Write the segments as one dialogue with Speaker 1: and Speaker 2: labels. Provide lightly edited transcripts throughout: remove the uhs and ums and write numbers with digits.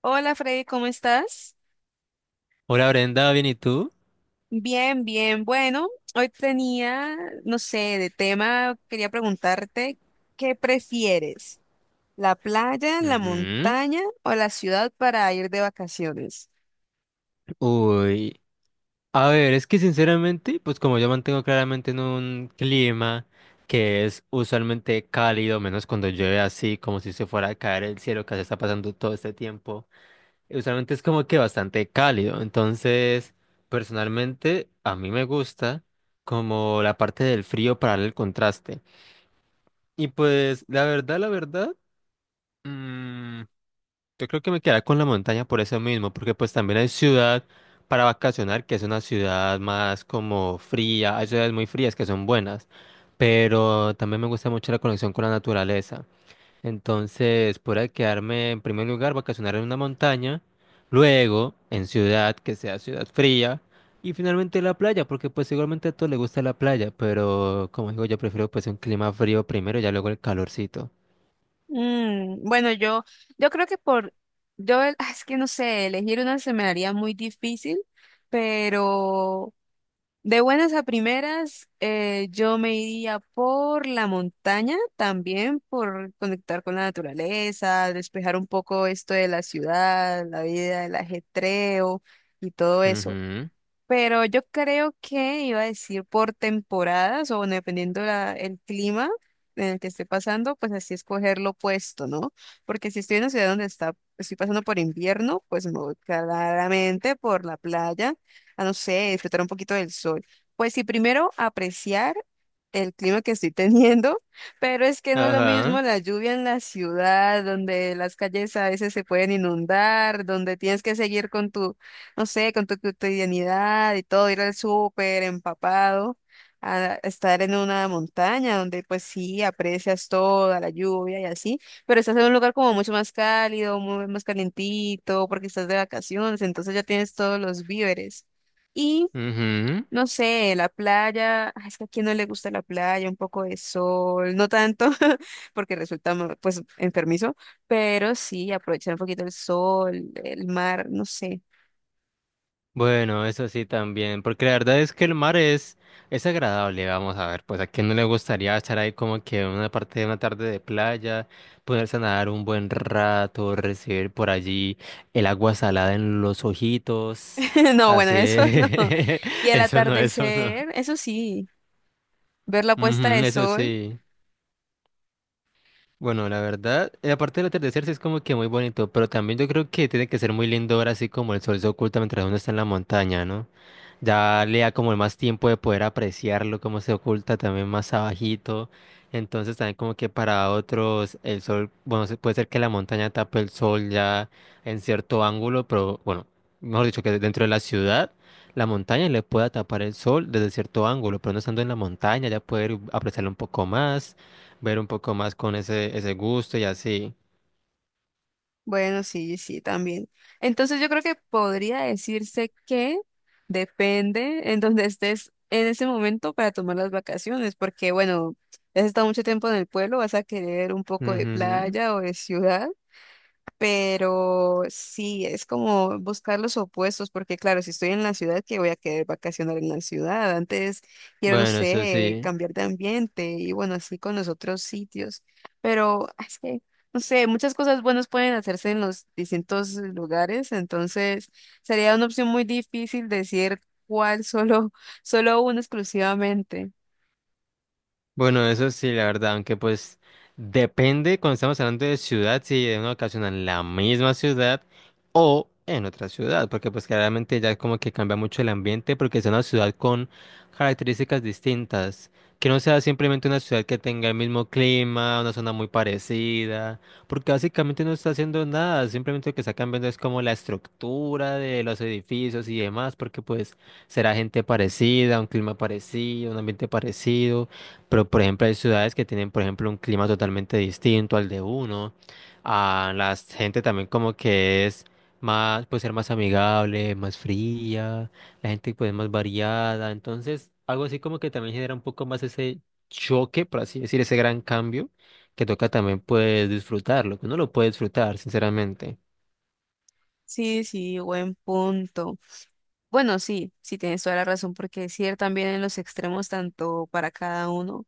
Speaker 1: Hola Freddy, ¿cómo estás?
Speaker 2: Hola Brenda, ¿bien y tú?
Speaker 1: Bien, bien. Bueno, hoy tenía, no sé, de tema, quería preguntarte, ¿qué prefieres? ¿La playa, la
Speaker 2: Ujú.
Speaker 1: montaña o la ciudad para ir de vacaciones?
Speaker 2: Uy, a ver, es que sinceramente, pues como yo mantengo claramente en un clima que es usualmente cálido, menos cuando llueve así, como si se fuera a caer el cielo que se está pasando todo este tiempo, usualmente es como que bastante cálido. Entonces personalmente a mí me gusta como la parte del frío para darle el contraste. Y pues mm, yo creo que me quedaría con la montaña por eso mismo, porque pues también hay ciudad para vacacionar, que es una ciudad más como fría, hay ciudades muy frías que son buenas, pero también me gusta mucho la conexión con la naturaleza. Entonces, podría quedarme en primer lugar, vacacionar en una montaña, luego en ciudad, que sea ciudad fría, y finalmente la playa, porque pues igualmente a todos les gusta la playa, pero como digo, yo prefiero pues un clima frío primero y ya luego el calorcito.
Speaker 1: Mm, bueno, yo creo que es que no sé, elegir una se me haría muy difícil, pero de buenas a primeras, yo me iría por la montaña también, por conectar con la naturaleza, despejar un poco esto de la ciudad, la vida, el ajetreo y todo eso.
Speaker 2: Ujú.
Speaker 1: Pero yo creo que iba a decir por temporadas o bueno, dependiendo el clima en el que esté pasando, pues así escoger lo opuesto, ¿no? Porque si estoy en una ciudad donde estoy pasando por invierno, pues me voy claramente por la playa, a no sé, disfrutar un poquito del sol. Pues sí, primero apreciar el clima que estoy teniendo, pero es que no es lo mismo
Speaker 2: Ajá.
Speaker 1: la lluvia en la ciudad, donde las calles a veces se pueden inundar, donde tienes que seguir con tu no sé, con tu cotidianidad y todo, ir al súper empapado, a estar en una montaña donde pues sí aprecias toda la lluvia y así, pero estás en un lugar como mucho más cálido, muy más calientito, porque estás de vacaciones, entonces ya tienes todos los víveres. Y
Speaker 2: Ujú.
Speaker 1: no sé, la playa, ay, es que a quién no le gusta la playa, un poco de sol, no tanto, porque resulta pues enfermizo, pero sí aprovechar un poquito el sol, el mar, no sé.
Speaker 2: Bueno, eso sí también, porque la verdad es que el mar es agradable, vamos a ver, pues a quién no le gustaría estar ahí como que una parte de una tarde de playa, ponerse a nadar un buen rato, recibir por allí el agua salada en los ojitos,
Speaker 1: No, bueno,
Speaker 2: así,
Speaker 1: eso no. Y el
Speaker 2: eso no, eso no.
Speaker 1: atardecer, eso sí, ver la puesta de
Speaker 2: Ujú, eso
Speaker 1: sol,
Speaker 2: sí. Bueno, la verdad, aparte del atardecer sí es como que muy bonito, pero también yo creo que tiene que ser muy lindo ver así como el sol se oculta mientras uno está en la montaña, ¿no? Ya le da como más tiempo de poder apreciarlo, cómo se oculta también más abajito. Entonces también como que para otros el sol, bueno, puede ser que la montaña tape el sol ya en cierto ángulo, pero bueno, mejor dicho, que dentro de la ciudad la montaña le pueda tapar el sol desde cierto ángulo, pero no estando en la montaña ya poder apreciarlo un poco más, ver un poco más con ese gusto y así.
Speaker 1: bueno, sí, sí, también. Entonces yo creo que podría decirse que depende en donde estés en ese momento para tomar las vacaciones, porque bueno, has estado mucho tiempo en el pueblo, vas a querer un poco de
Speaker 2: Ujú.
Speaker 1: playa o de ciudad. Pero sí, es como buscar los opuestos, porque claro, si estoy en la ciudad, ¿que voy a querer vacacionar en la ciudad? Antes quiero, no
Speaker 2: Bueno, eso
Speaker 1: sé,
Speaker 2: sí.
Speaker 1: cambiar de ambiente y bueno, así con los otros sitios. Pero es que, no sé, muchas cosas buenas pueden hacerse en los distintos lugares, entonces sería una opción muy difícil decir cuál, solo uno exclusivamente.
Speaker 2: Bueno, eso sí, la verdad, aunque pues depende cuando estamos hablando de ciudad, si de una ocasión en la misma ciudad o en otra ciudad, porque pues claramente ya como que cambia mucho el ambiente porque es una ciudad con características distintas, que no sea simplemente una ciudad que tenga el mismo clima, una zona muy parecida, porque básicamente no está haciendo nada, simplemente lo que está cambiando es como la estructura de los edificios y demás, porque pues será gente parecida, un clima parecido, un ambiente parecido. Pero, por ejemplo, hay ciudades que tienen, por ejemplo, un clima totalmente distinto al de uno. A la gente también como que es más, puede ser más amigable, más fría, la gente pues más variada. Entonces, algo así como que también genera un poco más ese choque, por así decir, ese gran cambio que toca también pues disfrutarlo, que uno lo puede disfrutar, sinceramente.
Speaker 1: Sí, sí, buen punto. Bueno, sí, sí tienes toda la razón, porque es ir también en los extremos, tanto para cada uno.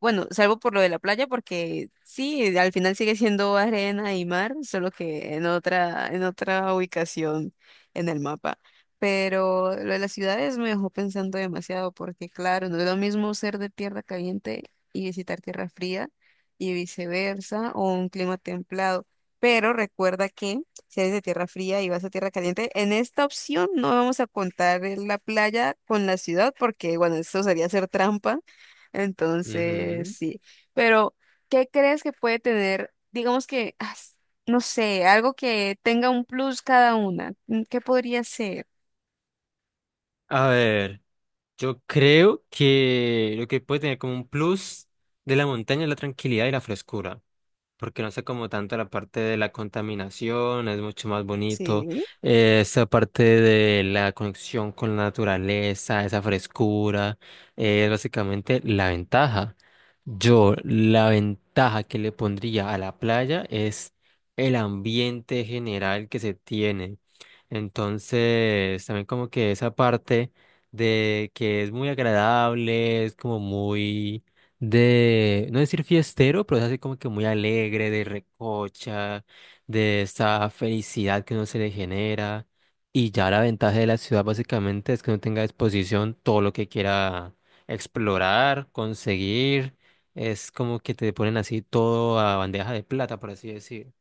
Speaker 1: Bueno, salvo por lo de la playa, porque sí, al final sigue siendo arena y mar, solo que en otra ubicación en el mapa. Pero lo de las ciudades me dejó pensando demasiado, porque claro, no es lo mismo ser de tierra caliente y visitar tierra fría y viceversa, o un clima templado. Pero recuerda que si eres de tierra fría y vas a tierra caliente, en esta opción no vamos a contar la playa con la ciudad, porque bueno, eso sería hacer trampa entonces,
Speaker 2: Ujú.
Speaker 1: sí. Pero, ¿qué crees que puede tener, digamos que, no sé, algo que tenga un plus cada una? Mm, ¿qué podría ser?
Speaker 2: A ver, yo creo que lo que puede tener como un plus de la montaña es la tranquilidad y la frescura, porque no sé como tanto la parte de la contaminación, es mucho más bonito,
Speaker 1: Sí.
Speaker 2: esa parte de la conexión con la naturaleza, esa frescura, es básicamente la ventaja. Yo la ventaja que le pondría a la playa es el ambiente general que se tiene. Entonces, también como que esa parte de que es muy agradable, es como muy de, no decir fiestero, pero es así como que muy alegre, de recocha, de esa felicidad que uno se le genera. Y ya la ventaja de la ciudad básicamente es que uno tenga a disposición todo lo que quiera explorar, conseguir. Es como que te ponen así todo a bandeja de plata, por así decir.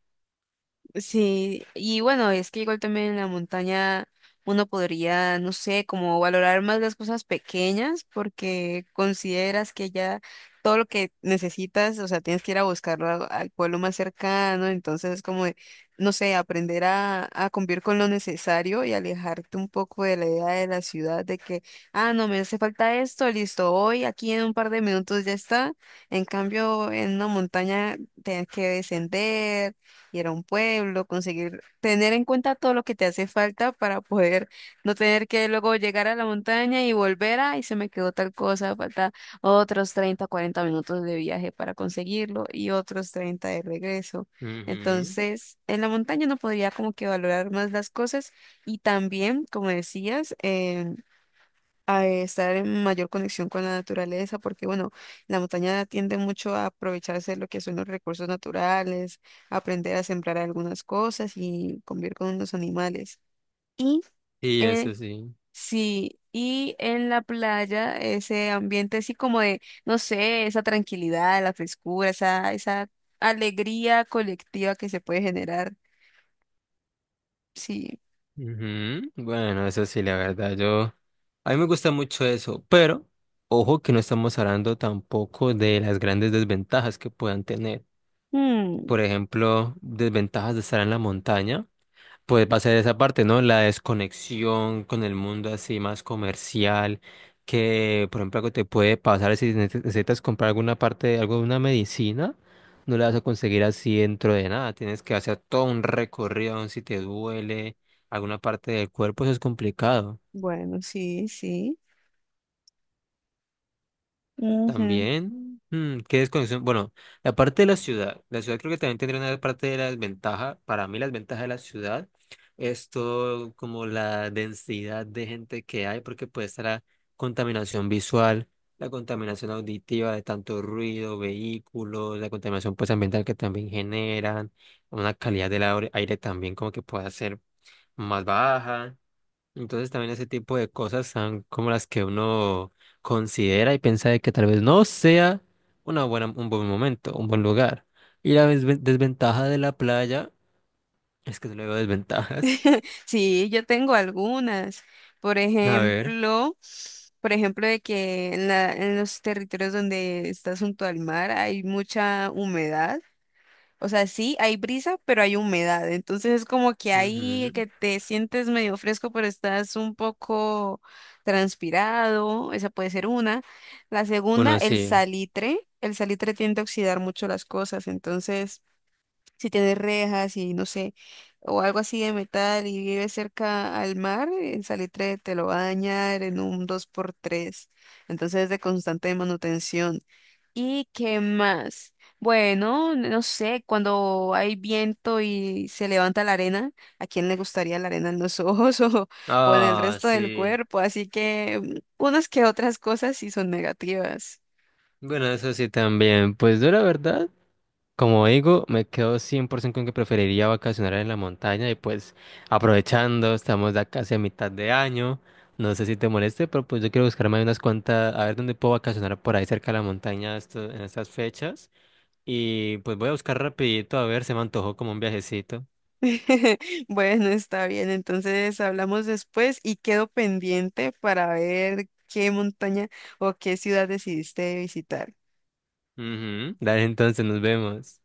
Speaker 1: Sí, y bueno, es que igual también en la montaña uno podría, no sé, como valorar más las cosas pequeñas porque consideras que ya todo lo que necesitas, o sea, tienes que ir a buscarlo al pueblo más cercano, entonces es como, de, no sé, aprender a convivir con lo necesario y alejarte un poco de la idea de la ciudad de que, ah, no, me hace falta esto, listo, hoy aquí en un par de minutos ya está. En cambio, en una montaña tienes que descender, ir a un pueblo, conseguir, tener en cuenta todo lo que te hace falta para poder no tener que luego llegar a la montaña y y se me quedó tal cosa, falta otros 30 40 minutos de viaje para conseguirlo y otros 30 de regreso.
Speaker 2: Ujú.
Speaker 1: Entonces, en la montaña no podría como que valorar más las cosas y también, como decías, a estar en mayor conexión con la naturaleza, porque bueno, la montaña tiende mucho a aprovecharse de lo que son los recursos naturales, aprender a sembrar algunas cosas y convivir con los animales. Y
Speaker 2: Y
Speaker 1: eh,
Speaker 2: eso sí.
Speaker 1: sí, y en la playa ese ambiente así como de, no sé, esa tranquilidad, la frescura, esa alegría colectiva que se puede generar. Sí.
Speaker 2: Ujú. Bueno, eso sí, la verdad, yo... A mí me gusta mucho eso, pero ojo que no estamos hablando tampoco de las grandes desventajas que puedan tener.
Speaker 1: Mm,
Speaker 2: Por ejemplo, desventajas de estar en la montaña puede pasar esa parte, ¿no? La desconexión con el mundo así más comercial, que por ejemplo algo te puede pasar si necesitas comprar alguna parte, algo de una medicina, no la vas a conseguir así dentro de nada, tienes que hacer todo un recorrido, aun si te duele alguna parte del cuerpo, eso es complicado.
Speaker 1: bueno, sí, sí.
Speaker 2: También, qué desconexión. Bueno, la parte de la ciudad creo que también tendría una parte de la desventaja. Para mí, la desventaja de la ciudad es todo como la densidad de gente que hay, porque puede estar la contaminación visual, la contaminación auditiva de tanto ruido, vehículos, la contaminación pues ambiental que también generan, una calidad del aire también como que pueda ser más baja. Entonces también ese tipo de cosas son como las que uno considera y piensa de que tal vez no sea una buena, un buen momento, un buen lugar. Y la desventaja de la playa es que no le veo desventajas.
Speaker 1: Sí, yo tengo algunas. Por
Speaker 2: A ver.
Speaker 1: ejemplo, por ejemplo, de que en los territorios donde estás junto al mar hay mucha humedad. O sea, sí, hay brisa, pero hay humedad. Entonces es como que ahí
Speaker 2: Ujú.
Speaker 1: que te sientes medio fresco, pero estás un poco transpirado. Esa puede ser una. La segunda,
Speaker 2: Bueno,
Speaker 1: el
Speaker 2: sí.
Speaker 1: salitre. El salitre tiende a oxidar mucho las cosas, entonces si tiene rejas y no sé, o algo así de metal y vive cerca al mar, el salitre te lo va a dañar en un dos por tres. Entonces es de constante manutención. ¿Y qué más? Bueno, no sé, cuando hay viento y se levanta la arena, ¿a quién le gustaría la arena en los ojos o en el
Speaker 2: Ah,
Speaker 1: resto del
Speaker 2: sí.
Speaker 1: cuerpo? Así que mm, unas que otras cosas sí son negativas.
Speaker 2: Bueno, eso sí también. Pues yo la verdad. Como digo, me quedo 100% con que preferiría vacacionar en la montaña y pues aprovechando, estamos ya casi a mitad de año, no sé si te moleste, pero pues yo quiero buscarme ahí unas cuantas, a ver dónde puedo vacacionar por ahí cerca de la montaña en estas fechas y pues voy a buscar rapidito, a ver, se me antojó como un viajecito.
Speaker 1: Bueno, está bien. Entonces hablamos después y quedo pendiente para ver qué montaña o qué ciudad decidiste visitar.
Speaker 2: Ujú, dale, entonces nos vemos.